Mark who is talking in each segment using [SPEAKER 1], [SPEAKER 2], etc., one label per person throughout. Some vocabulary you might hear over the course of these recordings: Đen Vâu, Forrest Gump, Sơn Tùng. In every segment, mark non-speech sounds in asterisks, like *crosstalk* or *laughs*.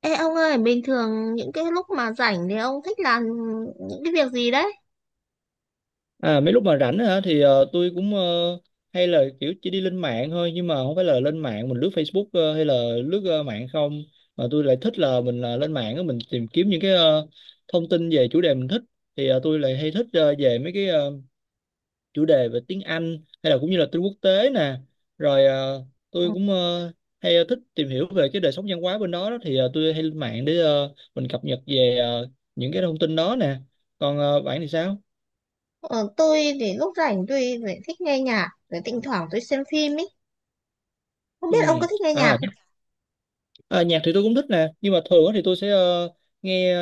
[SPEAKER 1] Ê ông ơi, bình thường những cái lúc mà rảnh thì ông thích làm những cái việc gì đấy?
[SPEAKER 2] À, mấy lúc mà rảnh á hả thì tôi hay là kiểu chỉ đi lên mạng thôi nhưng mà không phải là lên mạng mình lướt Facebook hay là lướt mạng không mà tôi lại thích là mình lên mạng á, mình tìm kiếm những cái thông tin về chủ đề mình thích thì tôi lại hay thích về mấy cái chủ đề về tiếng Anh hay là cũng như là tin quốc tế nè rồi tôi hay thích tìm hiểu về cái đời sống văn hóa bên đó, đó. Thì tôi hay lên mạng để mình cập nhật về những cái thông tin đó nè, còn bạn thì sao?
[SPEAKER 1] Ờ, tôi thì lúc rảnh tôi lại thích nghe nhạc, rồi thỉnh thoảng tôi xem phim ý. Không
[SPEAKER 2] Ừ.
[SPEAKER 1] biết ông có thích nghe nhạc
[SPEAKER 2] À,
[SPEAKER 1] không?
[SPEAKER 2] ờ, nhạc thì tôi cũng thích nè, nhưng mà thường á thì tôi sẽ nghe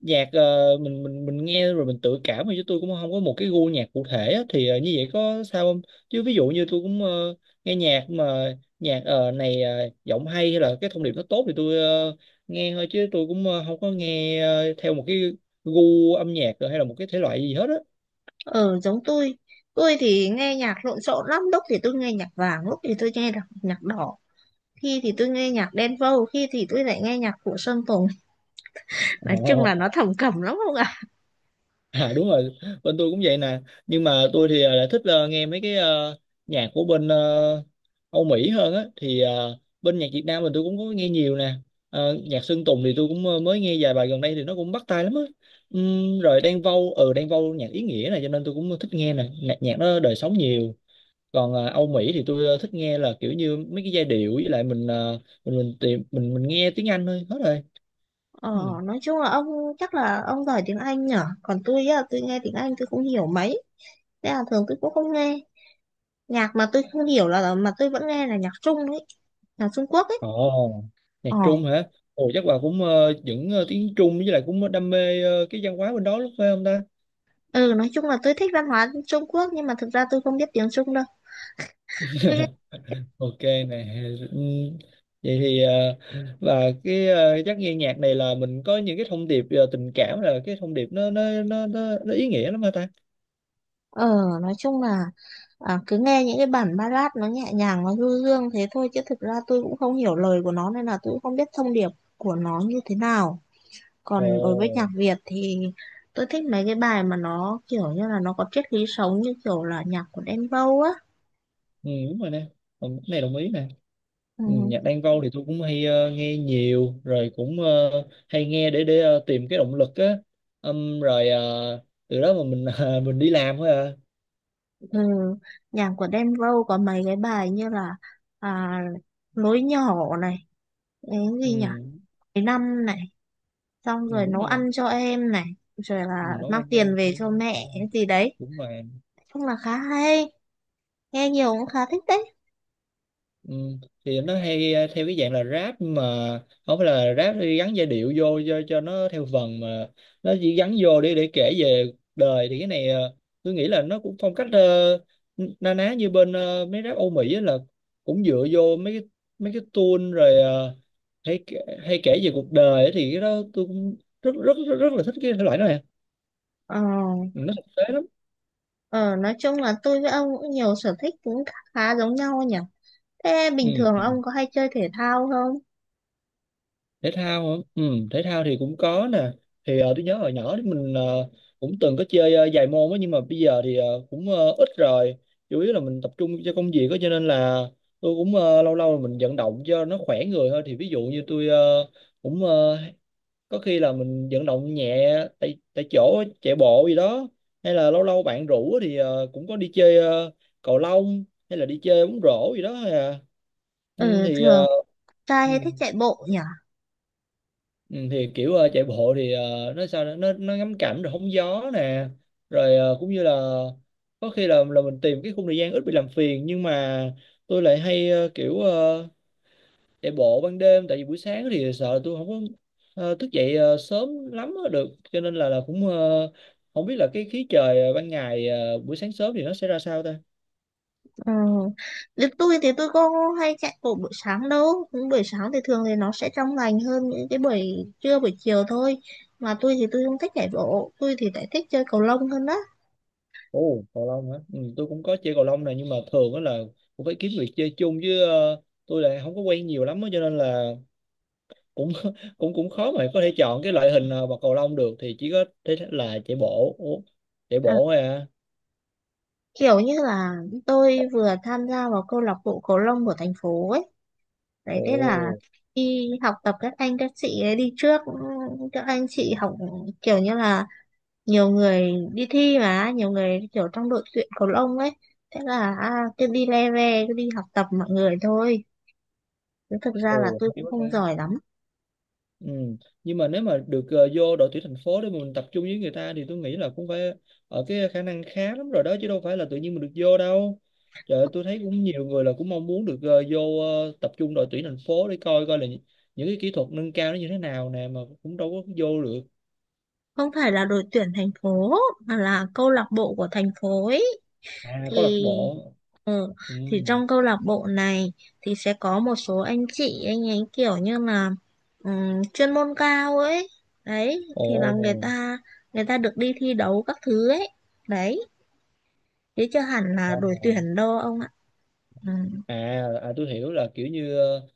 [SPEAKER 2] nhạc mình nghe rồi mình tự cảm thôi, chứ tôi cũng không có một cái gu nhạc cụ thể á, thì như vậy có sao không, chứ ví dụ như tôi nghe nhạc mà nhạc này giọng hay hay là cái thông điệp nó tốt thì tôi nghe thôi chứ tôi không có nghe theo một cái gu âm nhạc hay là một cái thể loại gì hết á.
[SPEAKER 1] Ờ, giống tôi. Tôi thì nghe nhạc lộn xộn lắm, lúc thì tôi nghe nhạc vàng, lúc thì tôi nghe nhạc đỏ. Khi thì tôi nghe nhạc Đen Vâu, khi thì tôi lại nghe nhạc của Sơn Tùng. *laughs* Nói chung
[SPEAKER 2] Ồ.
[SPEAKER 1] là nó thầm cẩm lắm không ạ?
[SPEAKER 2] À đúng rồi, bên tôi cũng vậy nè. Nhưng mà tôi thì lại thích nghe mấy cái nhạc của bên Âu Mỹ hơn á. Thì bên nhạc Việt Nam mình tôi cũng có nghe nhiều nè. Ờ, nhạc Sơn Tùng thì tôi cũng mới nghe vài bài gần đây thì nó cũng bắt tai lắm á. Rồi Đan Vâu, ừ Đan Vâu nhạc ý nghĩa này cho nên tôi cũng thích nghe nè. Nhạc nó đời sống nhiều. Còn Âu Mỹ thì tôi thích nghe là kiểu như mấy cái giai điệu, với lại mình mình tìm mình nghe tiếng Anh thôi hết rồi.
[SPEAKER 1] Ờ,
[SPEAKER 2] Ừ.
[SPEAKER 1] nói chung là ông, chắc là ông giỏi tiếng Anh nhở? Còn tôi á, tôi nghe tiếng Anh tôi không hiểu mấy. Thế là thường tôi cũng không nghe. Nhạc mà tôi không hiểu là mà tôi vẫn nghe là nhạc Trung ấy, nhạc Trung Quốc ấy.
[SPEAKER 2] Ồ, nhạc
[SPEAKER 1] Ờ,
[SPEAKER 2] Trung hả? Ồ, chắc bà cũng tiếng Trung với lại cũng đam mê cái văn hóa bên đó lúc phải không ta?
[SPEAKER 1] ừ, nói chung là tôi thích văn hóa Trung Quốc nhưng mà thực ra tôi không biết tiếng Trung đâu. Tôi
[SPEAKER 2] *laughs* Ok nè. Ừm, vậy thì và cái chắc nghe nhạc này là mình có những cái thông điệp tình cảm, là cái thông điệp nó ý nghĩa lắm hả ta?
[SPEAKER 1] ờ Nói chung là à, cứ nghe những cái bản ballad nó nhẹ nhàng nó du dương thế thôi chứ thực ra tôi cũng không hiểu lời của nó nên là tôi cũng không biết thông điệp của nó như thế nào. Còn đối với nhạc
[SPEAKER 2] Ồ,
[SPEAKER 1] Việt thì tôi thích mấy cái bài mà nó kiểu như là nó có triết lý sống như kiểu là nhạc của Đen Vâu á.
[SPEAKER 2] ừ, đúng rồi nè. Ừ, cái này đồng ý nè. Ừ,
[SPEAKER 1] Ừ.
[SPEAKER 2] nhạc Đan Vâu thì tôi cũng hay nghe nhiều rồi cũng hay nghe để tìm cái động lực á. Rồi từ đó mà mình *laughs* mình đi làm thôi à.
[SPEAKER 1] Ừ, nhạc của Đen Vâu có mấy cái bài như là à, lối nhỏ này, cái
[SPEAKER 2] Ừ,
[SPEAKER 1] gì nhỉ? Cái năm này, xong
[SPEAKER 2] ừ,
[SPEAKER 1] rồi
[SPEAKER 2] đúng
[SPEAKER 1] nấu
[SPEAKER 2] rồi nè.
[SPEAKER 1] ăn cho em này, rồi
[SPEAKER 2] Ừ,
[SPEAKER 1] là
[SPEAKER 2] nấu
[SPEAKER 1] mang
[SPEAKER 2] ăn
[SPEAKER 1] tiền
[SPEAKER 2] em
[SPEAKER 1] về
[SPEAKER 2] thì
[SPEAKER 1] cho mẹ cái gì đấy.
[SPEAKER 2] đúng rồi.
[SPEAKER 1] Nói chung là khá hay, nghe nhiều cũng khá thích đấy.
[SPEAKER 2] Ừ, thì nó hay theo cái dạng là rap, nhưng mà không phải là rap thì gắn giai điệu vô cho nó theo vần mà nó chỉ gắn vô để kể về cuộc đời, thì cái này tôi nghĩ là nó cũng phong cách na ná như bên mấy rap Âu Mỹ á, là cũng dựa vô mấy cái tune rồi hay kể về cuộc đời á thì cái đó tôi cũng rất là thích cái thể loại đó nè.
[SPEAKER 1] Ờ,
[SPEAKER 2] Ừ, nó thực tế lắm.
[SPEAKER 1] ờ, nói chung là tôi với ông cũng nhiều sở thích cũng khá giống nhau nhỉ. Thế bình thường
[SPEAKER 2] Ừ,
[SPEAKER 1] ông có hay chơi thể thao không?
[SPEAKER 2] thể thao hả, ừ, thể thao thì cũng có nè, thì tôi nhớ hồi nhỏ thì mình cũng từng có chơi vài môn á, nhưng mà bây giờ thì cũng ít rồi, chủ yếu là mình tập trung cho công việc á, cho nên là tôi cũng lâu lâu mình vận động cho nó khỏe người thôi, thì ví dụ như tôi cũng ờ, có khi là mình vận động nhẹ tại tại chỗ chạy bộ gì đó, hay là lâu lâu bạn rủ á thì cũng có đi chơi cầu lông hay là đi chơi bóng rổ gì đó. Hay à. Ừ,
[SPEAKER 1] Ừ,
[SPEAKER 2] thì
[SPEAKER 1] thường trai
[SPEAKER 2] ừ.
[SPEAKER 1] hay thích chạy bộ nhỉ?
[SPEAKER 2] Ừ, thì kiểu chạy bộ thì nó sao nữa? Nó ngắm cảnh rồi hóng gió nè, rồi cũng như là có khi là mình tìm cái khung thời gian ít bị làm phiền, nhưng mà tôi lại hay kiểu chạy bộ ban đêm, tại vì buổi sáng thì sợ là tôi không có thức dậy sớm lắm á được, cho nên là không biết là cái khí trời ban ngày buổi sáng sớm thì nó sẽ ra sao ta.
[SPEAKER 1] Ừ. Thì tôi có hay chạy bộ buổi sáng đâu, những buổi sáng thì thường thì nó sẽ trong lành hơn những cái buổi trưa buổi chiều thôi. Mà tôi không thích chạy bộ, tôi thì lại thích chơi cầu lông hơn đó.
[SPEAKER 2] Ồ, cầu lông hả? Ừ, tôi cũng có chơi cầu lông này, nhưng mà thường đó là cũng phải kiếm người chơi chung, chứ tôi lại không có quen nhiều lắm á, cho nên là cũng *laughs* cũng cũng khó mà có thể chọn cái loại hình bật cầu lông được, thì chỉ có thế là chạy bộ. Ủa, chạy
[SPEAKER 1] Ờ,
[SPEAKER 2] bộ thôi à.
[SPEAKER 1] kiểu như là tôi vừa tham gia vào câu lạc bộ cầu lông của thành phố ấy, đấy
[SPEAKER 2] Ồ,
[SPEAKER 1] thế là đi học tập các anh các chị ấy đi trước, các anh chị học kiểu như là nhiều người đi thi mà nhiều người kiểu trong đội tuyển cầu lông ấy. Thế là à, cứ đi le ve cứ đi học tập mọi người thôi chứ thực ra là
[SPEAKER 2] ồ
[SPEAKER 1] tôi
[SPEAKER 2] hay
[SPEAKER 1] cũng
[SPEAKER 2] quá ta.
[SPEAKER 1] không giỏi lắm.
[SPEAKER 2] Ừ, nhưng mà nếu mà được vô đội tuyển thành phố để mình tập trung với người ta thì tôi nghĩ là cũng phải ở cái khả năng khá lắm rồi đó, chứ đâu phải là tự nhiên mình được vô đâu. Trời ơi, tôi thấy cũng nhiều người là cũng mong muốn được vô tập trung đội tuyển thành phố để coi coi là những cái kỹ thuật nâng cao nó như thế nào nè, mà cũng đâu có vô được.
[SPEAKER 1] Không phải là đội tuyển thành phố mà là câu lạc bộ của thành phố ấy.
[SPEAKER 2] À có lạc
[SPEAKER 1] thì
[SPEAKER 2] bộ.
[SPEAKER 1] ừ,
[SPEAKER 2] Ừ.
[SPEAKER 1] thì trong câu lạc bộ này thì sẽ có một số anh chị, anh ấy kiểu như là chuyên môn cao ấy, đấy
[SPEAKER 2] Ồ,
[SPEAKER 1] thì là người ta được đi thi đấu các thứ ấy, đấy chứ chưa hẳn là
[SPEAKER 2] ồ.
[SPEAKER 1] đội tuyển đâu ông ạ. Ừ.
[SPEAKER 2] À, à tôi hiểu là kiểu như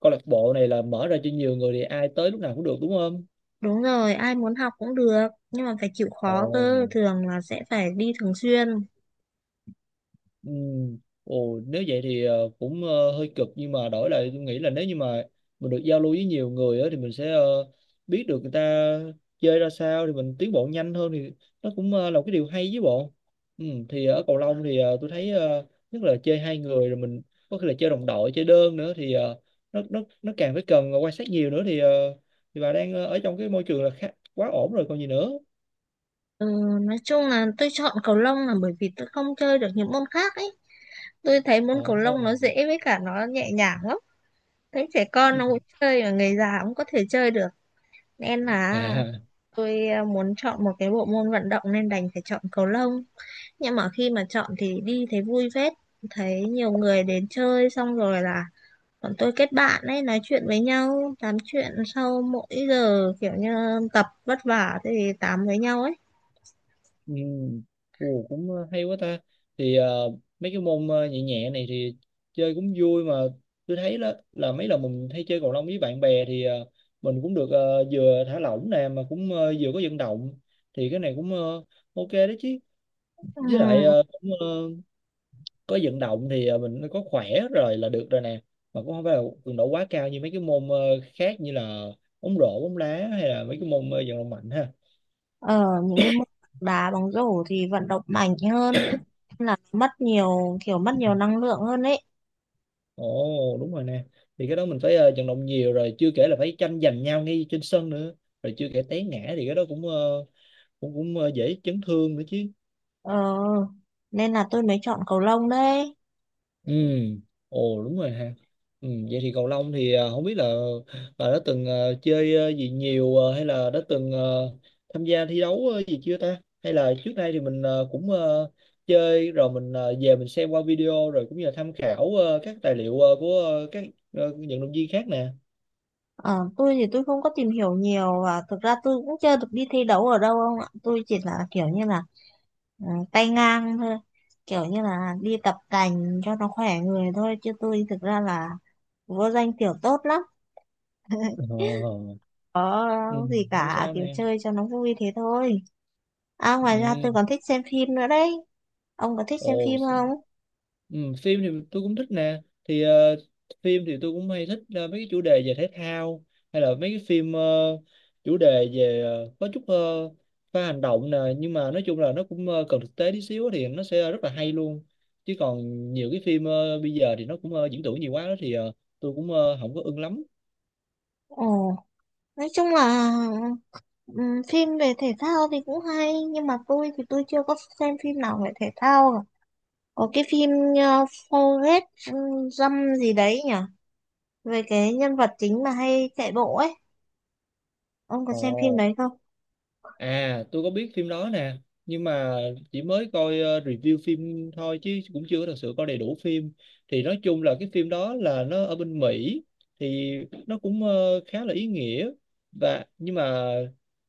[SPEAKER 2] câu lạc bộ này là mở ra cho nhiều người thì ai tới lúc nào cũng được, đúng không?
[SPEAKER 1] Đúng rồi, ai muốn học cũng được, nhưng mà phải chịu khó cơ,
[SPEAKER 2] Ồ.
[SPEAKER 1] thường là sẽ phải đi thường xuyên.
[SPEAKER 2] Ừ. Ồ, nếu vậy thì cũng hơi cực, nhưng mà đổi lại tôi nghĩ là nếu như mà mình được giao lưu với nhiều người á, thì mình sẽ biết được người ta chơi ra sao, thì mình tiến bộ nhanh hơn, thì nó cũng là một cái điều hay với bộ. Ừ, thì ở cầu lông thì tôi thấy nhất là chơi hai người, rồi mình có khi là chơi đồng đội chơi đơn nữa thì nó càng phải cần quan sát nhiều nữa thì thì bà đang ở trong cái môi trường là khá, quá ổn rồi còn gì nữa.
[SPEAKER 1] Ừ, nói chung là tôi chọn cầu lông là bởi vì tôi không chơi được những môn khác ấy. Tôi thấy môn
[SPEAKER 2] Ờ.
[SPEAKER 1] cầu lông nó dễ với cả nó nhẹ nhàng lắm. Thấy trẻ con
[SPEAKER 2] Ừ.
[SPEAKER 1] nó cũng chơi và người già cũng có thể chơi được. Nên là
[SPEAKER 2] À.
[SPEAKER 1] tôi muốn chọn một cái bộ môn vận động nên đành phải chọn cầu lông. Nhưng mà khi mà chọn thì đi thấy vui phết. Thấy nhiều người đến chơi xong rồi là bọn tôi kết bạn ấy, nói chuyện với nhau, tám chuyện sau mỗi giờ kiểu như tập vất vả thì tám với nhau ấy.
[SPEAKER 2] Ừ. Ồ, cũng hay quá ta, thì mấy cái môn nhẹ nhẹ này thì chơi cũng vui mà. Tôi thấy là mấy lần mình hay chơi cầu lông với bạn bè thì mình cũng được vừa thả lỏng nè, mà cũng vừa có vận động, thì cái này cũng ok đấy chứ.
[SPEAKER 1] Ừ.
[SPEAKER 2] Với lại có vận động thì mình có khỏe rồi là được rồi nè, mà cũng không phải là cường độ quá cao như mấy cái môn khác như là bóng rổ bóng đá, hay là mấy cái môn vận động mạnh ha.
[SPEAKER 1] Ở những cái môn đá bóng rổ thì vận động mạnh hơn, là mất nhiều kiểu mất nhiều năng lượng hơn ấy.
[SPEAKER 2] Ồ đúng rồi nè. Thì cái đó mình phải vận động nhiều rồi, chưa kể là phải tranh giành nhau ngay trên sân nữa. Rồi chưa kể té ngã thì cái đó cũng ờ, cũng cũng ờ, dễ chấn thương nữa chứ.
[SPEAKER 1] Ờ, nên là tôi mới chọn cầu lông đấy.
[SPEAKER 2] Ừ. Ồ đúng rồi ha. Ừ, vậy thì cầu lông thì không biết là bà đã từng chơi gì nhiều hay là đã từng tham gia thi đấu gì chưa ta, hay là trước đây thì mình cũng chơi rồi mình về mình xem qua video, rồi cũng như là tham khảo các tài liệu của các vận động viên khác nè.
[SPEAKER 1] Ờ, tôi không có tìm hiểu nhiều và thực ra tôi cũng chưa được đi thi đấu ở đâu ông ạ. Tôi chỉ là kiểu như là tay ngang thôi. Kiểu như là đi tập tành cho nó khỏe người thôi. Chứ tôi thực ra là vô danh tiểu tốt lắm.
[SPEAKER 2] Ờ. Ừ,
[SPEAKER 1] Có gì
[SPEAKER 2] không
[SPEAKER 1] cả
[SPEAKER 2] sao
[SPEAKER 1] kiểu
[SPEAKER 2] nè.
[SPEAKER 1] chơi cho nó vui thế thôi. À, ngoài ra
[SPEAKER 2] Ừ.
[SPEAKER 1] tôi còn thích xem phim nữa đấy. Ông có thích xem
[SPEAKER 2] Ồ,
[SPEAKER 1] phim không?
[SPEAKER 2] ừ, phim thì tôi cũng thích nè. Thì phim thì tôi cũng hay thích mấy cái chủ đề về thể thao, hay là mấy cái phim chủ đề về có chút pha hành động nè, nhưng mà nói chung là nó cũng cần thực tế tí xíu thì nó sẽ rất là hay luôn. Chứ còn nhiều cái phim bây giờ thì nó cũng diễn tưởng nhiều quá đó, thì tôi cũng không có ưng lắm.
[SPEAKER 1] Ồ, nói chung là phim về thể thao thì cũng hay, nhưng mà tôi chưa có xem phim nào về thể thao cả. Có cái phim Forrest Gump gì đấy nhỉ? Về cái nhân vật chính mà hay chạy bộ ấy. Ông có xem phim
[SPEAKER 2] Ồ.
[SPEAKER 1] đấy không?
[SPEAKER 2] À, tôi có biết phim đó nè, nhưng mà chỉ mới coi review phim thôi, chứ cũng chưa có thật sự coi đầy đủ phim. Thì nói chung là cái phim đó là nó ở bên Mỹ, thì nó cũng khá là ý nghĩa, và nhưng mà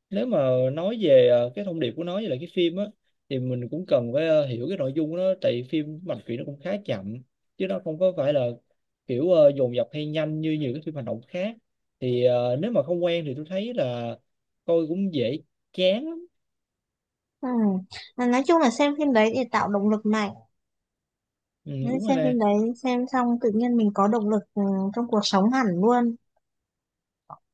[SPEAKER 2] nếu mà nói về cái thông điệp của nó với lại cái phim á, thì mình cũng cần phải hiểu cái nội dung của nó, tại vì phim mạch truyện nó cũng khá chậm, chứ nó không có phải là kiểu dồn dập hay nhanh như nhiều cái phim hành động khác. Thì nếu mà không quen thì tôi thấy là coi cũng dễ chán lắm.
[SPEAKER 1] Ừm, Nói chung là xem phim đấy để tạo động lực mạnh.
[SPEAKER 2] Ừ,
[SPEAKER 1] Nên
[SPEAKER 2] đúng rồi
[SPEAKER 1] xem
[SPEAKER 2] nè.
[SPEAKER 1] phim đấy, xem xong tự nhiên mình có động lực, trong cuộc sống hẳn luôn.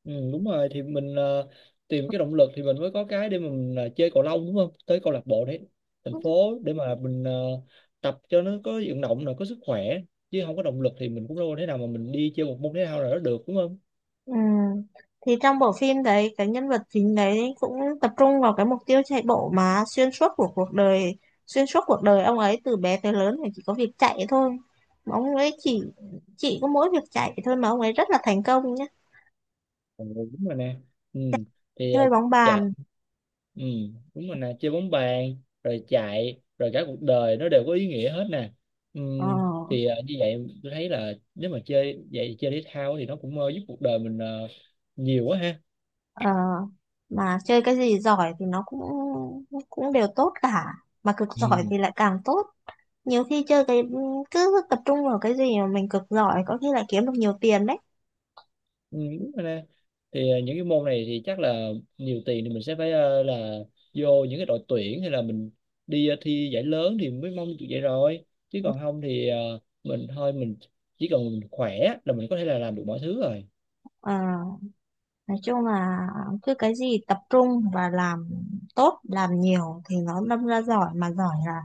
[SPEAKER 2] Ừ, đúng rồi, thì mình tìm cái động lực thì mình mới có cái để mà mình chơi cầu lông đúng không, tới câu lạc bộ đấy thành phố để mà mình tập cho nó có vận động là có sức khỏe, chứ không có động lực thì mình cũng đâu có thể nào mà mình đi chơi một môn thể thao nào đó được đúng không.
[SPEAKER 1] Ừ. Thì trong bộ phim đấy cái nhân vật chính đấy cũng tập trung vào cái mục tiêu chạy bộ mà xuyên suốt của cuộc đời, xuyên suốt cuộc đời ông ấy từ bé tới lớn thì chỉ có việc chạy thôi, mà ông ấy chỉ có mỗi việc chạy thôi mà ông ấy rất là thành công nhé.
[SPEAKER 2] Ừ, đúng rồi nè. Ừ, thì
[SPEAKER 1] Chơi bóng
[SPEAKER 2] chạy,
[SPEAKER 1] bàn.
[SPEAKER 2] ừ đúng rồi nè, chơi bóng bàn rồi chạy rồi cả cuộc đời nó đều có ý nghĩa hết nè. Ừ,
[SPEAKER 1] ờ,
[SPEAKER 2] thì như vậy tôi thấy là nếu mà chơi vậy chơi thể thao thì nó cũng giúp cuộc đời mình nhiều quá ha.
[SPEAKER 1] ờ, mà chơi cái gì giỏi thì nó cũng cũng đều tốt cả, mà cực giỏi
[SPEAKER 2] *laughs*
[SPEAKER 1] thì lại càng tốt. Nhiều khi chơi cái cứ tập trung vào cái gì mà mình cực giỏi có khi lại kiếm được nhiều tiền đấy.
[SPEAKER 2] Ừ, đúng rồi nè, thì những cái môn này thì chắc là nhiều tiền thì mình sẽ phải là vô những cái đội tuyển, hay là mình đi thi giải lớn thì mới mong được vậy rồi, chứ còn không thì mình thôi mình chỉ cần mình khỏe là mình có thể là làm được mọi thứ rồi.
[SPEAKER 1] Ờ, nói chung là cứ cái gì tập trung và làm tốt làm nhiều thì nó đâm ra giỏi, mà giỏi là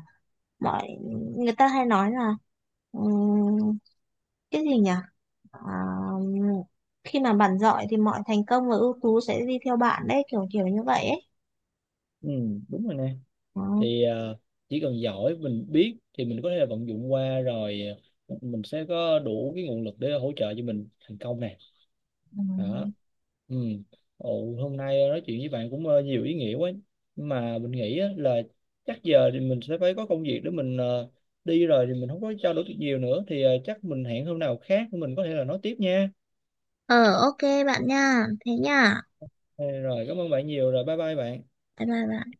[SPEAKER 1] mọi người ta hay nói là ừm, cái gì nhỉ? À, khi mà bạn giỏi thì mọi thành công và ưu tú sẽ đi theo bạn đấy kiểu kiểu như vậy ấy.
[SPEAKER 2] Ừ đúng rồi nè,
[SPEAKER 1] Ừ.
[SPEAKER 2] thì chỉ cần giỏi mình biết thì mình có thể là vận dụng qua rồi, ờ, mình sẽ có đủ cái nguồn lực để hỗ trợ cho mình thành công này.
[SPEAKER 1] Ừ.
[SPEAKER 2] Đó. Ừ. Ồ, hôm nay nói chuyện với bạn cũng nhiều ý nghĩa quá. Nhưng mà mình nghĩ á, là chắc giờ thì mình sẽ phải có công việc để mình đi rồi, thì mình không có trao đổi được nhiều nữa, thì chắc mình hẹn hôm nào khác mình có thể là nói tiếp nha.
[SPEAKER 1] ờ ok bạn nha, thế nha,
[SPEAKER 2] Ờ, rồi cảm ơn bạn nhiều rồi, bye bye bạn.
[SPEAKER 1] bye bye bạn.